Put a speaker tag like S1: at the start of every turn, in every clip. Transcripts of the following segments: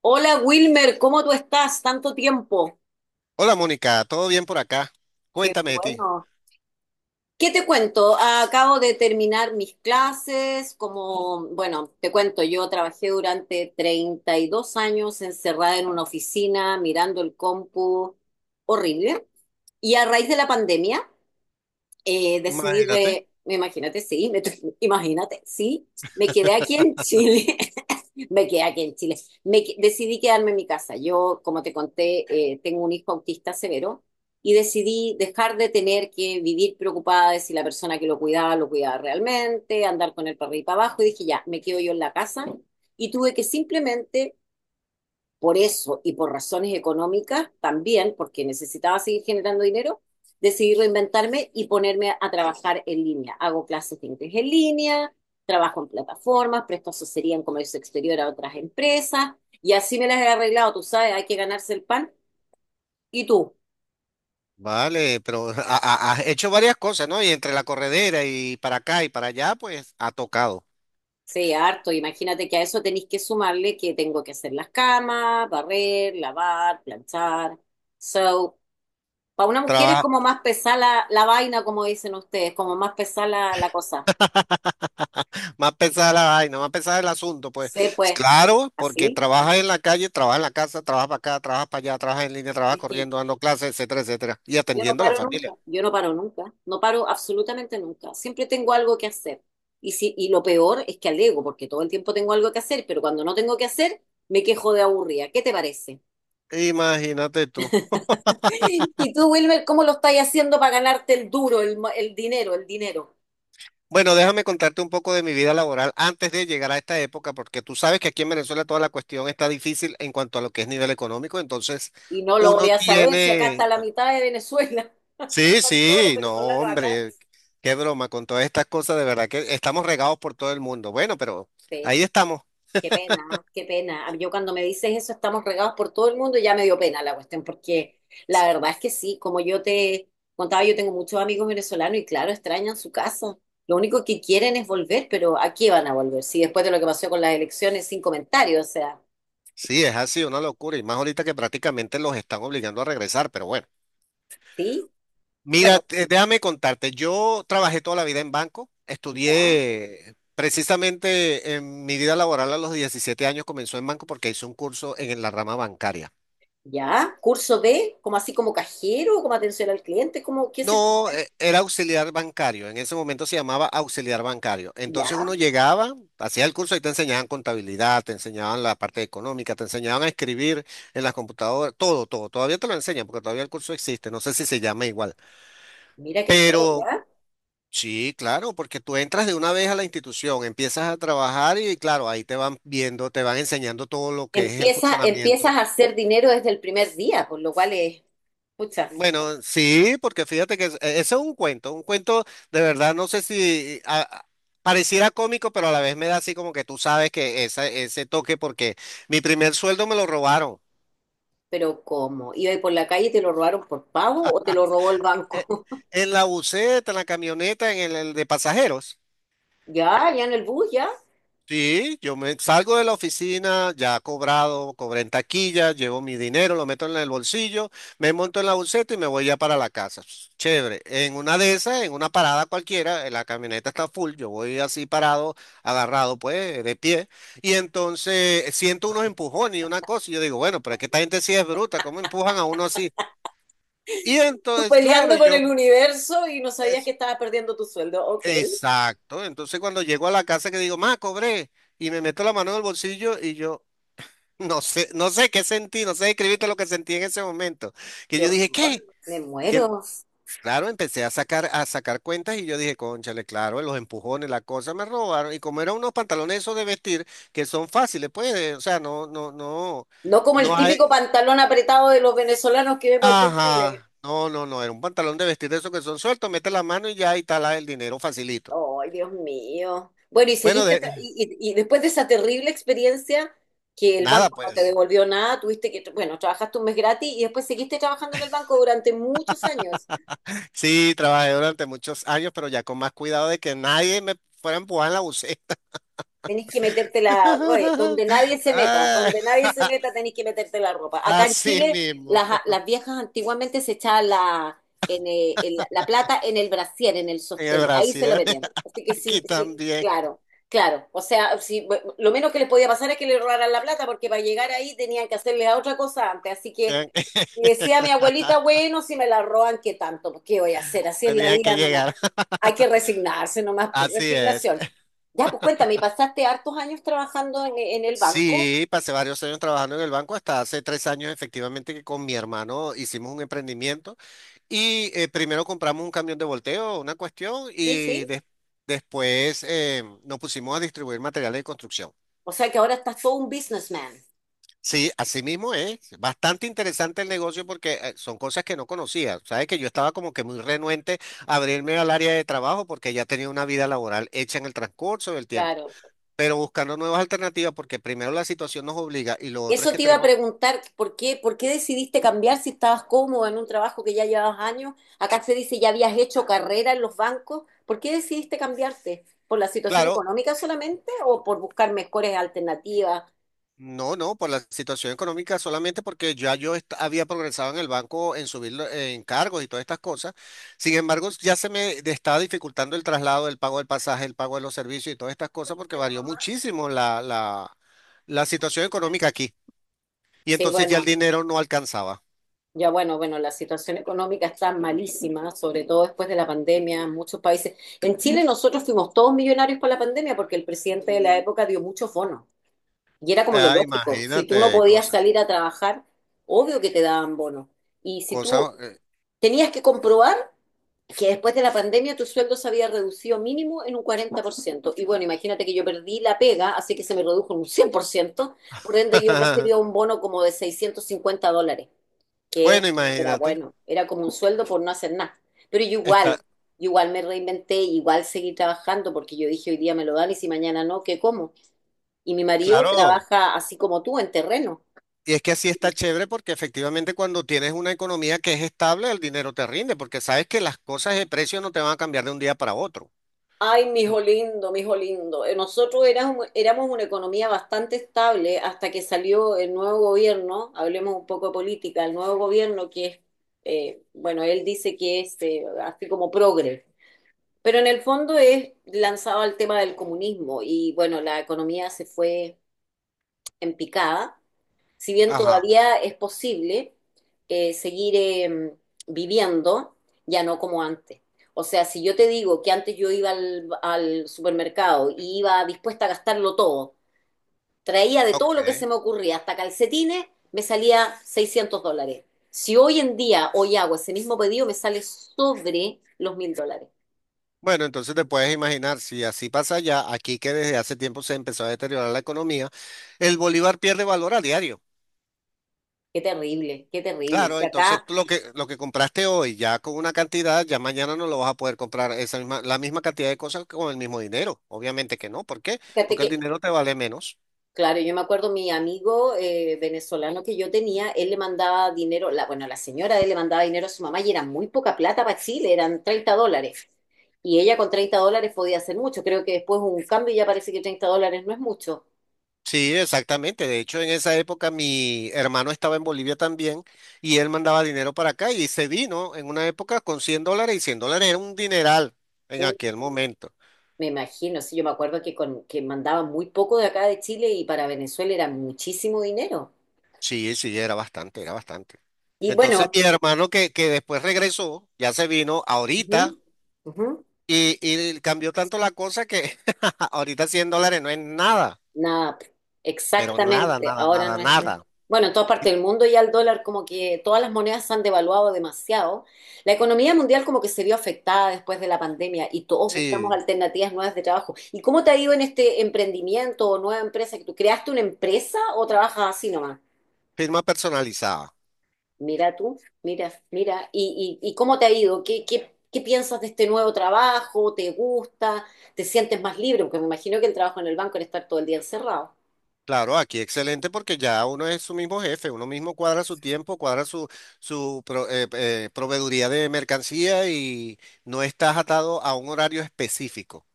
S1: Hola Wilmer, ¿cómo tú estás? Tanto tiempo.
S2: Hola Mónica, ¿todo bien por acá?
S1: Qué
S2: Cuéntame de ti.
S1: bueno. ¿Qué te cuento? Acabo de terminar mis clases, como, bueno, te cuento, yo trabajé durante 32 años encerrada en una oficina, mirando el compu, horrible. Y a raíz de la pandemia, decidí,
S2: Imagínate.
S1: imagínate, sí, imagínate, sí, me quedé aquí en Chile Me quedé aquí en Chile. Decidí quedarme en mi casa. Yo, como te conté, tengo un hijo autista severo y decidí dejar de tener que vivir preocupada de si la persona que lo cuidaba realmente, andar con el perrito abajo y dije, ya, me quedo yo en la casa y tuve que simplemente por eso y por razones económicas también, porque necesitaba seguir generando dinero, decidí reinventarme y ponerme a trabajar en línea. Hago clases de inglés en línea, trabajo en plataformas, presto asesoría en comercio exterior a otras empresas y así me las he arreglado, tú sabes, hay que ganarse el pan. ¿Y tú?
S2: Vale, pero has hecho varias cosas, ¿no? Y entre la corredera y para acá y para allá, pues ha tocado.
S1: Sí, harto. Imagínate que a eso tenéis que sumarle que tengo que hacer las camas, barrer, lavar, planchar. So, para una mujer es como
S2: Trabaja.
S1: más pesada la vaina, como dicen ustedes, como más pesada la cosa.
S2: Más pesada la vaina, más pesada el asunto, pues.
S1: Sí, pues,
S2: Claro, porque
S1: así.
S2: trabajas en la calle, trabajas en la casa, trabajas para acá, trabajas para allá, trabajas en línea, trabajas
S1: Es que
S2: corriendo, dando clases, etcétera, etcétera. Y
S1: yo no
S2: atendiendo a la
S1: paro
S2: familia.
S1: nunca, yo no paro nunca, no paro absolutamente nunca. Siempre tengo algo que hacer. Y, si, y lo peor es que alego, porque todo el tiempo tengo algo que hacer, pero cuando no tengo que hacer, me quejo de aburrida. ¿Qué te parece?
S2: Imagínate tú.
S1: Y tú, Wilmer, ¿cómo lo estás haciendo para ganarte el duro, el dinero, el dinero?
S2: Bueno, déjame contarte un poco de mi vida laboral antes de llegar a esta época, porque tú sabes que aquí en Venezuela toda la cuestión está difícil en cuanto a lo que es nivel económico, entonces
S1: Y no lo
S2: uno
S1: voy a saber si acá
S2: tiene...
S1: está la mitad de Venezuela,
S2: Sí,
S1: con todos los
S2: sí, no,
S1: venezolanos acá.
S2: hombre, qué broma, con todas estas cosas, de verdad que estamos regados por todo el mundo. Bueno, pero
S1: Sí.
S2: ahí estamos.
S1: Qué pena, qué pena. Yo cuando me dices eso, estamos regados por todo el mundo, y ya me dio pena la cuestión, porque la verdad es que sí, como yo te contaba, yo tengo muchos amigos venezolanos y claro, extrañan su casa. Lo único que quieren es volver, pero ¿a qué van a volver? Sí, después de lo que pasó con las elecciones, sin comentarios, o sea,
S2: Sí, es así, una locura, y más ahorita que prácticamente los están obligando a regresar, pero bueno.
S1: ¿sí?
S2: Mira,
S1: Bueno,
S2: déjame contarte, yo trabajé toda la vida en banco,
S1: ya,
S2: estudié precisamente en mi vida laboral a los 17 años comenzó en banco porque hice un curso en la rama bancaria.
S1: ya. Curso B, como así como cajero, como atención al cliente, como, ¿qué es esto?
S2: No, era auxiliar bancario, en ese momento se llamaba auxiliar bancario.
S1: Ya,
S2: Entonces uno llegaba, hacía el curso y te enseñaban contabilidad, te enseñaban la parte económica, te enseñaban a escribir en las computadoras, todo, todo. Todavía te lo enseñan porque todavía el curso existe, no sé si se llama igual.
S1: mira qué choro,
S2: Pero
S1: ya.
S2: sí, claro, porque tú entras de una vez a la institución, empiezas a trabajar y claro, ahí te van viendo, te van enseñando todo lo que es el
S1: Empieza, empiezas
S2: funcionamiento.
S1: a hacer dinero desde el primer día, por lo cual es, pucha.
S2: Bueno, sí, porque fíjate que ese es un cuento de verdad, no sé si pareciera cómico, pero a la vez me da así como que tú sabes que esa, ese toque, porque mi primer sueldo me lo robaron.
S1: Pero ¿cómo? ¿Iba ahí por la calle y te lo robaron por pago o te lo robó el banco?
S2: eh, En la buseta, en la camioneta, en el de pasajeros.
S1: Ya, ya en el bus, ya.
S2: Sí, yo me salgo de la oficina, ya cobrado, cobré en taquilla, llevo mi dinero, lo meto en el bolsillo, me monto en la buseta y me voy ya para la casa. Ps, chévere. En una de esas, en una parada cualquiera, la camioneta está full, yo voy así parado, agarrado, pues, de pie. Y entonces siento unos empujones y una cosa, y yo digo, bueno, pero es que esta gente sí es bruta, ¿cómo empujan a uno así? Y
S1: Tú
S2: entonces, claro,
S1: peleando con el universo y no sabías que
S2: es,
S1: estabas perdiendo tu sueldo. Ok,
S2: exacto. Entonces cuando llego a la casa que digo, ma, cobré, y me meto la mano en el bolsillo y yo. No sé, no sé qué sentí, no sé describirte lo que sentí en ese momento. Que
S1: qué
S2: yo dije,
S1: horror,
S2: ¿qué?
S1: me muero.
S2: Claro, empecé a sacar cuentas y yo dije, cónchale, claro, los empujones, la cosa me robaron. Y como eran unos pantalones esos de vestir que son fáciles, pues, o sea, no, no, no,
S1: No como el
S2: no hay,
S1: típico pantalón apretado de los venezolanos que vemos aquí en Chile.
S2: ajá, no, no, no, era un pantalón de vestir de esos que son sueltos, mete la mano y ya y está el dinero facilito.
S1: Ay, Dios mío. Bueno, y
S2: Bueno,
S1: seguiste,
S2: de,
S1: y después de esa terrible experiencia que el
S2: nada,
S1: banco no te
S2: pues.
S1: devolvió nada, tuviste que, bueno, trabajaste un mes gratis y después seguiste trabajando en el banco durante muchos años.
S2: Sí, trabajé durante muchos años, pero ya con más cuidado de que nadie me fuera a empujar en la buceta.
S1: Tenés que meterte la, oye, donde nadie se meta,
S2: Ah,
S1: donde nadie se meta tenés que meterte la ropa. Acá en
S2: así
S1: Chile
S2: mismo,
S1: las viejas antiguamente se echaban la, en la plata en el brasier, en el
S2: en el
S1: sostén, ahí se lo
S2: Brasil,
S1: metían. Así que
S2: aquí
S1: sí, sí,
S2: también
S1: claro, claro. O sea, sí, bu- lo menos que les podía pasar es que le robaran la plata porque para llegar ahí tenían que hacerle a otra cosa antes. Así que
S2: tenían que,
S1: y decía mi abuelita, bueno, si me la roban, ¿qué tanto? Pues, ¿qué voy a hacer? Así es la
S2: tenían que
S1: vida nomás.
S2: llegar.
S1: Hay que resignarse nomás por
S2: Así es.
S1: resignación. Ya, pues cuéntame, ¿y pasaste hartos años trabajando en el banco?
S2: Sí, pasé varios años trabajando en el banco, hasta hace 3 años efectivamente que con mi hermano hicimos un emprendimiento y primero compramos un camión de volteo, una cuestión,
S1: Sí,
S2: y
S1: sí,
S2: después nos pusimos a distribuir materiales de construcción.
S1: o sea que ahora estás todo un businessman.
S2: Sí, así mismo es. Bastante interesante el negocio porque son cosas que no conocía. Sabes que yo estaba como que muy renuente a abrirme al área de trabajo porque ya tenía una vida laboral hecha en el transcurso del tiempo.
S1: Claro.
S2: Pero buscando nuevas alternativas porque primero la situación nos obliga y lo otro es
S1: Eso
S2: que
S1: te iba a
S2: tenemos,
S1: preguntar, por qué decidiste cambiar si estabas cómodo en un trabajo que ya llevabas años? Acá se dice ya habías hecho carrera en los bancos. ¿Por qué decidiste cambiarte? ¿Por la situación
S2: claro,
S1: económica solamente o por buscar mejores alternativas?
S2: no, no, por la situación económica solamente porque ya había progresado en el banco en subir en cargos y todas estas cosas. Sin embargo, ya se estaba dificultando el traslado, el pago del pasaje, el pago de los servicios y todas estas cosas porque varió muchísimo la situación económica aquí. Y
S1: Sí,
S2: entonces ya el
S1: bueno,
S2: dinero no alcanzaba.
S1: ya bueno, bueno, la situación económica está malísima, sobre todo después de la pandemia en muchos países. En Chile nosotros fuimos todos millonarios con la pandemia porque el presidente de la época dio muchos bonos y era como lo
S2: Ah,
S1: lógico. Si tú no
S2: imagínate,
S1: podías
S2: cosas,
S1: salir a trabajar, obvio que te daban bonos. Y si tú
S2: cosas.
S1: tenías que comprobar que después de la pandemia tu sueldo se había reducido mínimo en un 40 por ciento. Y bueno, imagínate que yo perdí la pega, así que se me redujo en un 100 por ciento, por ende yo recibía un bono como de $650 que
S2: Bueno,
S1: era
S2: imagínate.
S1: bueno, era como un sueldo por no hacer nada. Pero
S2: Está
S1: yo igual me reinventé, igual seguí trabajando porque yo dije hoy día me lo dan y si mañana no, ¿qué como? Y mi marido
S2: claro.
S1: trabaja así como tú, en terreno.
S2: Y es que así está chévere porque efectivamente cuando tienes una economía que es estable, el dinero te rinde, porque sabes que las cosas de precio no te van a cambiar de un día para otro.
S1: Ay, mijo lindo, mijo lindo. Nosotros éramos, éramos una economía bastante estable hasta que salió el nuevo gobierno, hablemos un poco de política, el nuevo gobierno que es, bueno, él dice que es así como progre. Pero en el fondo es lanzado al tema del comunismo y bueno, la economía se fue en picada. Si bien
S2: Ajá,
S1: todavía es posible seguir viviendo, ya no como antes. O sea, si yo te digo que antes yo iba al, al supermercado y iba dispuesta a gastarlo todo, traía de todo lo que se
S2: ok.
S1: me ocurría, hasta calcetines, me salía $600. Si hoy en día, hoy hago ese mismo pedido, me sale sobre los $1.000.
S2: Bueno, entonces te puedes imaginar, si así pasa ya, aquí que desde hace tiempo se empezó a deteriorar la economía, el bolívar pierde valor a diario.
S1: Qué terrible, qué terrible.
S2: Claro,
S1: Si
S2: entonces
S1: acá
S2: tú lo que compraste hoy ya con una cantidad, ya mañana no lo vas a poder comprar esa misma, la misma cantidad de cosas con el mismo dinero. Obviamente que no. ¿Por qué?
S1: fíjate
S2: Porque el
S1: que,
S2: dinero te vale menos.
S1: claro, yo me acuerdo mi amigo venezolano que yo tenía, él le mandaba dinero, la, bueno, la señora de él le mandaba dinero a su mamá y era muy poca plata para Chile, eran $30. Y ella con $30 podía hacer mucho. Creo que después hubo un cambio y ya parece que $30 no es mucho.
S2: Sí, exactamente. De hecho, en esa época mi hermano estaba en Bolivia también y él mandaba dinero para acá y se vino en una época con $100 y $100 era un dineral en
S1: Un-
S2: aquel momento.
S1: me imagino, sí, yo me acuerdo que, con, que mandaba muy poco de acá de Chile y para Venezuela era muchísimo dinero.
S2: Sí, sí, era bastante, era bastante.
S1: Y
S2: Entonces
S1: bueno,
S2: mi hermano que después regresó, ya se vino
S1: ujú,
S2: ahorita
S1: ujú.
S2: y cambió tanto la cosa que ahorita $100 no es nada,
S1: Nada, p-
S2: pero nada,
S1: exactamente.
S2: nada,
S1: Ahora
S2: nada,
S1: no es.
S2: nada.
S1: Bueno, en todas partes del mundo ya el dólar, como que todas las monedas se han devaluado demasiado. La economía mundial como que se vio afectada después de la pandemia y todos buscamos
S2: Sí,
S1: alternativas nuevas de trabajo. ¿Y cómo te ha ido en este emprendimiento o nueva empresa que tú creaste una empresa o trabajas así nomás?
S2: firma personalizada.
S1: Mira tú, mira, mira. Y cómo te ha ido? Qué piensas de este nuevo trabajo? ¿Te gusta? ¿Te sientes más libre? Porque me imagino que el trabajo en el banco era estar todo el día encerrado,
S2: Claro, aquí excelente porque ya uno es su mismo jefe, uno mismo cuadra su tiempo, cuadra su, su proveeduría de mercancía y no estás atado a un horario específico,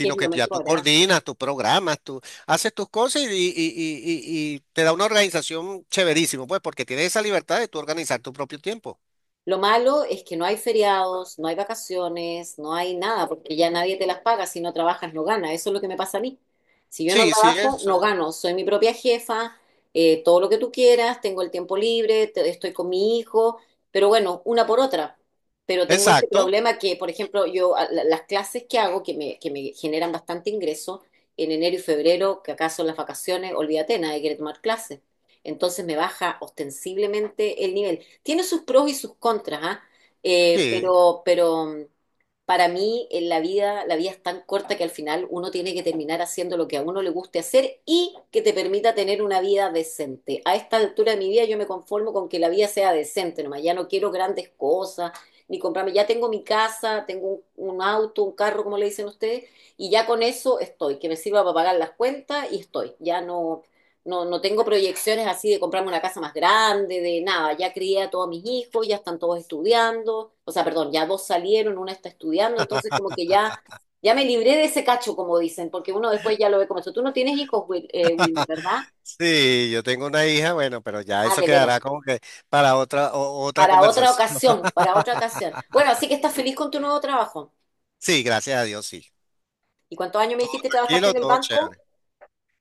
S1: que es lo
S2: que ya tú
S1: mejor, ¿eh?
S2: coordinas, tú programas, tú haces tus cosas y te da una organización chéverísimo, pues porque tienes esa libertad de tú organizar tu propio tiempo.
S1: Lo malo es que no hay feriados, no hay vacaciones, no hay nada, porque ya nadie te las paga. Si no trabajas, no ganas. Eso es lo que me pasa a mí. Si yo no
S2: Sí, sí,
S1: trabajo,
S2: eso.
S1: no
S2: Es.
S1: gano. Soy mi propia jefa, todo lo que tú quieras, tengo el tiempo libre, estoy con mi hijo, pero bueno, una por otra. Pero tengo este
S2: Exacto,
S1: problema que, por ejemplo, las clases que hago, que me generan bastante ingreso, en enero y febrero, que acá son las vacaciones, olvídate, nadie quiere tomar clases. Entonces me baja ostensiblemente el nivel. Tiene sus pros y sus contras, ¿ah?
S2: sí.
S1: Pero para mí en la vida es tan corta que al final uno tiene que terminar haciendo lo que a uno le guste hacer y que te permita tener una vida decente. A esta altura de mi vida yo me conformo con que la vida sea decente, nomás ya no quiero grandes cosas, ni comprarme, ya tengo mi casa, tengo un auto, un carro, como le dicen ustedes, y ya con eso estoy, que me sirva para pagar las cuentas y estoy. Ya no, no tengo proyecciones así de comprarme una casa más grande, de nada. Ya crié a todos mis hijos, ya están todos estudiando. O sea, perdón, ya dos salieron, una está estudiando, entonces como que ya, ya me libré de ese cacho, como dicen, porque uno después ya lo ve como eso. Tú no tienes hijos, Wilmer, ¿verdad?
S2: Sí, yo tengo una hija, bueno, pero ya
S1: Ah,
S2: eso
S1: de veras.
S2: quedará como que para otra, otra
S1: Para otra
S2: conversación.
S1: ocasión, para otra ocasión. Bueno, así que estás feliz con tu nuevo trabajo.
S2: Sí, gracias a Dios, sí.
S1: ¿Y cuántos años me dijiste trabajaste
S2: Kilo,
S1: en el
S2: todo
S1: banco?
S2: chévere.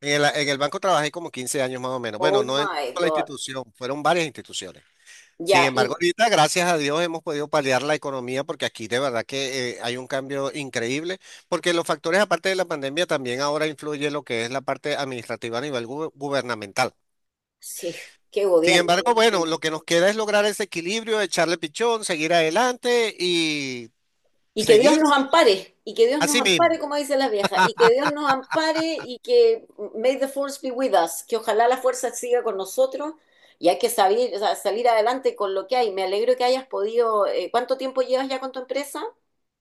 S2: En en el banco trabajé como 15 años más o menos.
S1: Oh
S2: Bueno, no en
S1: my
S2: la
S1: God.
S2: institución, fueron varias instituciones. Sin
S1: Ya,
S2: embargo,
S1: y
S2: ahorita, gracias a Dios, hemos podido paliar la economía porque aquí de verdad que hay un cambio increíble, porque los factores, aparte de la pandemia, también ahora influye lo que es la parte administrativa a nivel gubernamental.
S1: sí, qué
S2: Sin
S1: gobierno,
S2: embargo,
S1: Dios
S2: bueno, lo
S1: mío.
S2: que nos queda es lograr ese equilibrio, echarle pichón, seguir adelante y
S1: Y que Dios
S2: seguir
S1: nos ampare, y que Dios nos
S2: así
S1: ampare,
S2: mismo.
S1: como dicen las viejas, y que Dios nos ampare y que may the force be with us, que ojalá la fuerza siga con nosotros y hay que salir, o sea, salir adelante con lo que hay. Me alegro que hayas podido, ¿cuánto tiempo llevas ya con tu empresa?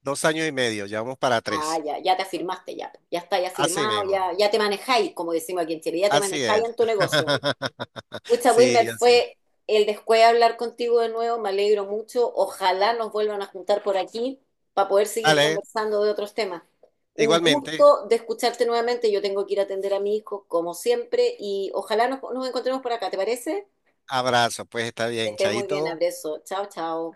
S2: 2 años y medio, ya vamos para
S1: Ah,
S2: tres.
S1: ya, ya te afirmaste, ya, ya está, ya
S2: Así
S1: firmado,
S2: mismo.
S1: ya, ya te manejáis, como decimos aquí en Chile, ya te
S2: Así
S1: manejáis
S2: es.
S1: en tu negocio. Mucha Wilmer,
S2: Sí, así es.
S1: fue el después hablar contigo de nuevo, me alegro mucho. Ojalá nos vuelvan a juntar por aquí para poder seguir
S2: Vale,
S1: conversando de otros temas. Un
S2: igualmente.
S1: gusto de escucharte nuevamente. Yo tengo que ir a atender a mi hijo, como siempre, y ojalá nos encontremos por acá, ¿te parece?
S2: Abrazo, pues está
S1: Que
S2: bien,
S1: estés muy bien,
S2: chaito.
S1: abrazo. Chao, chao.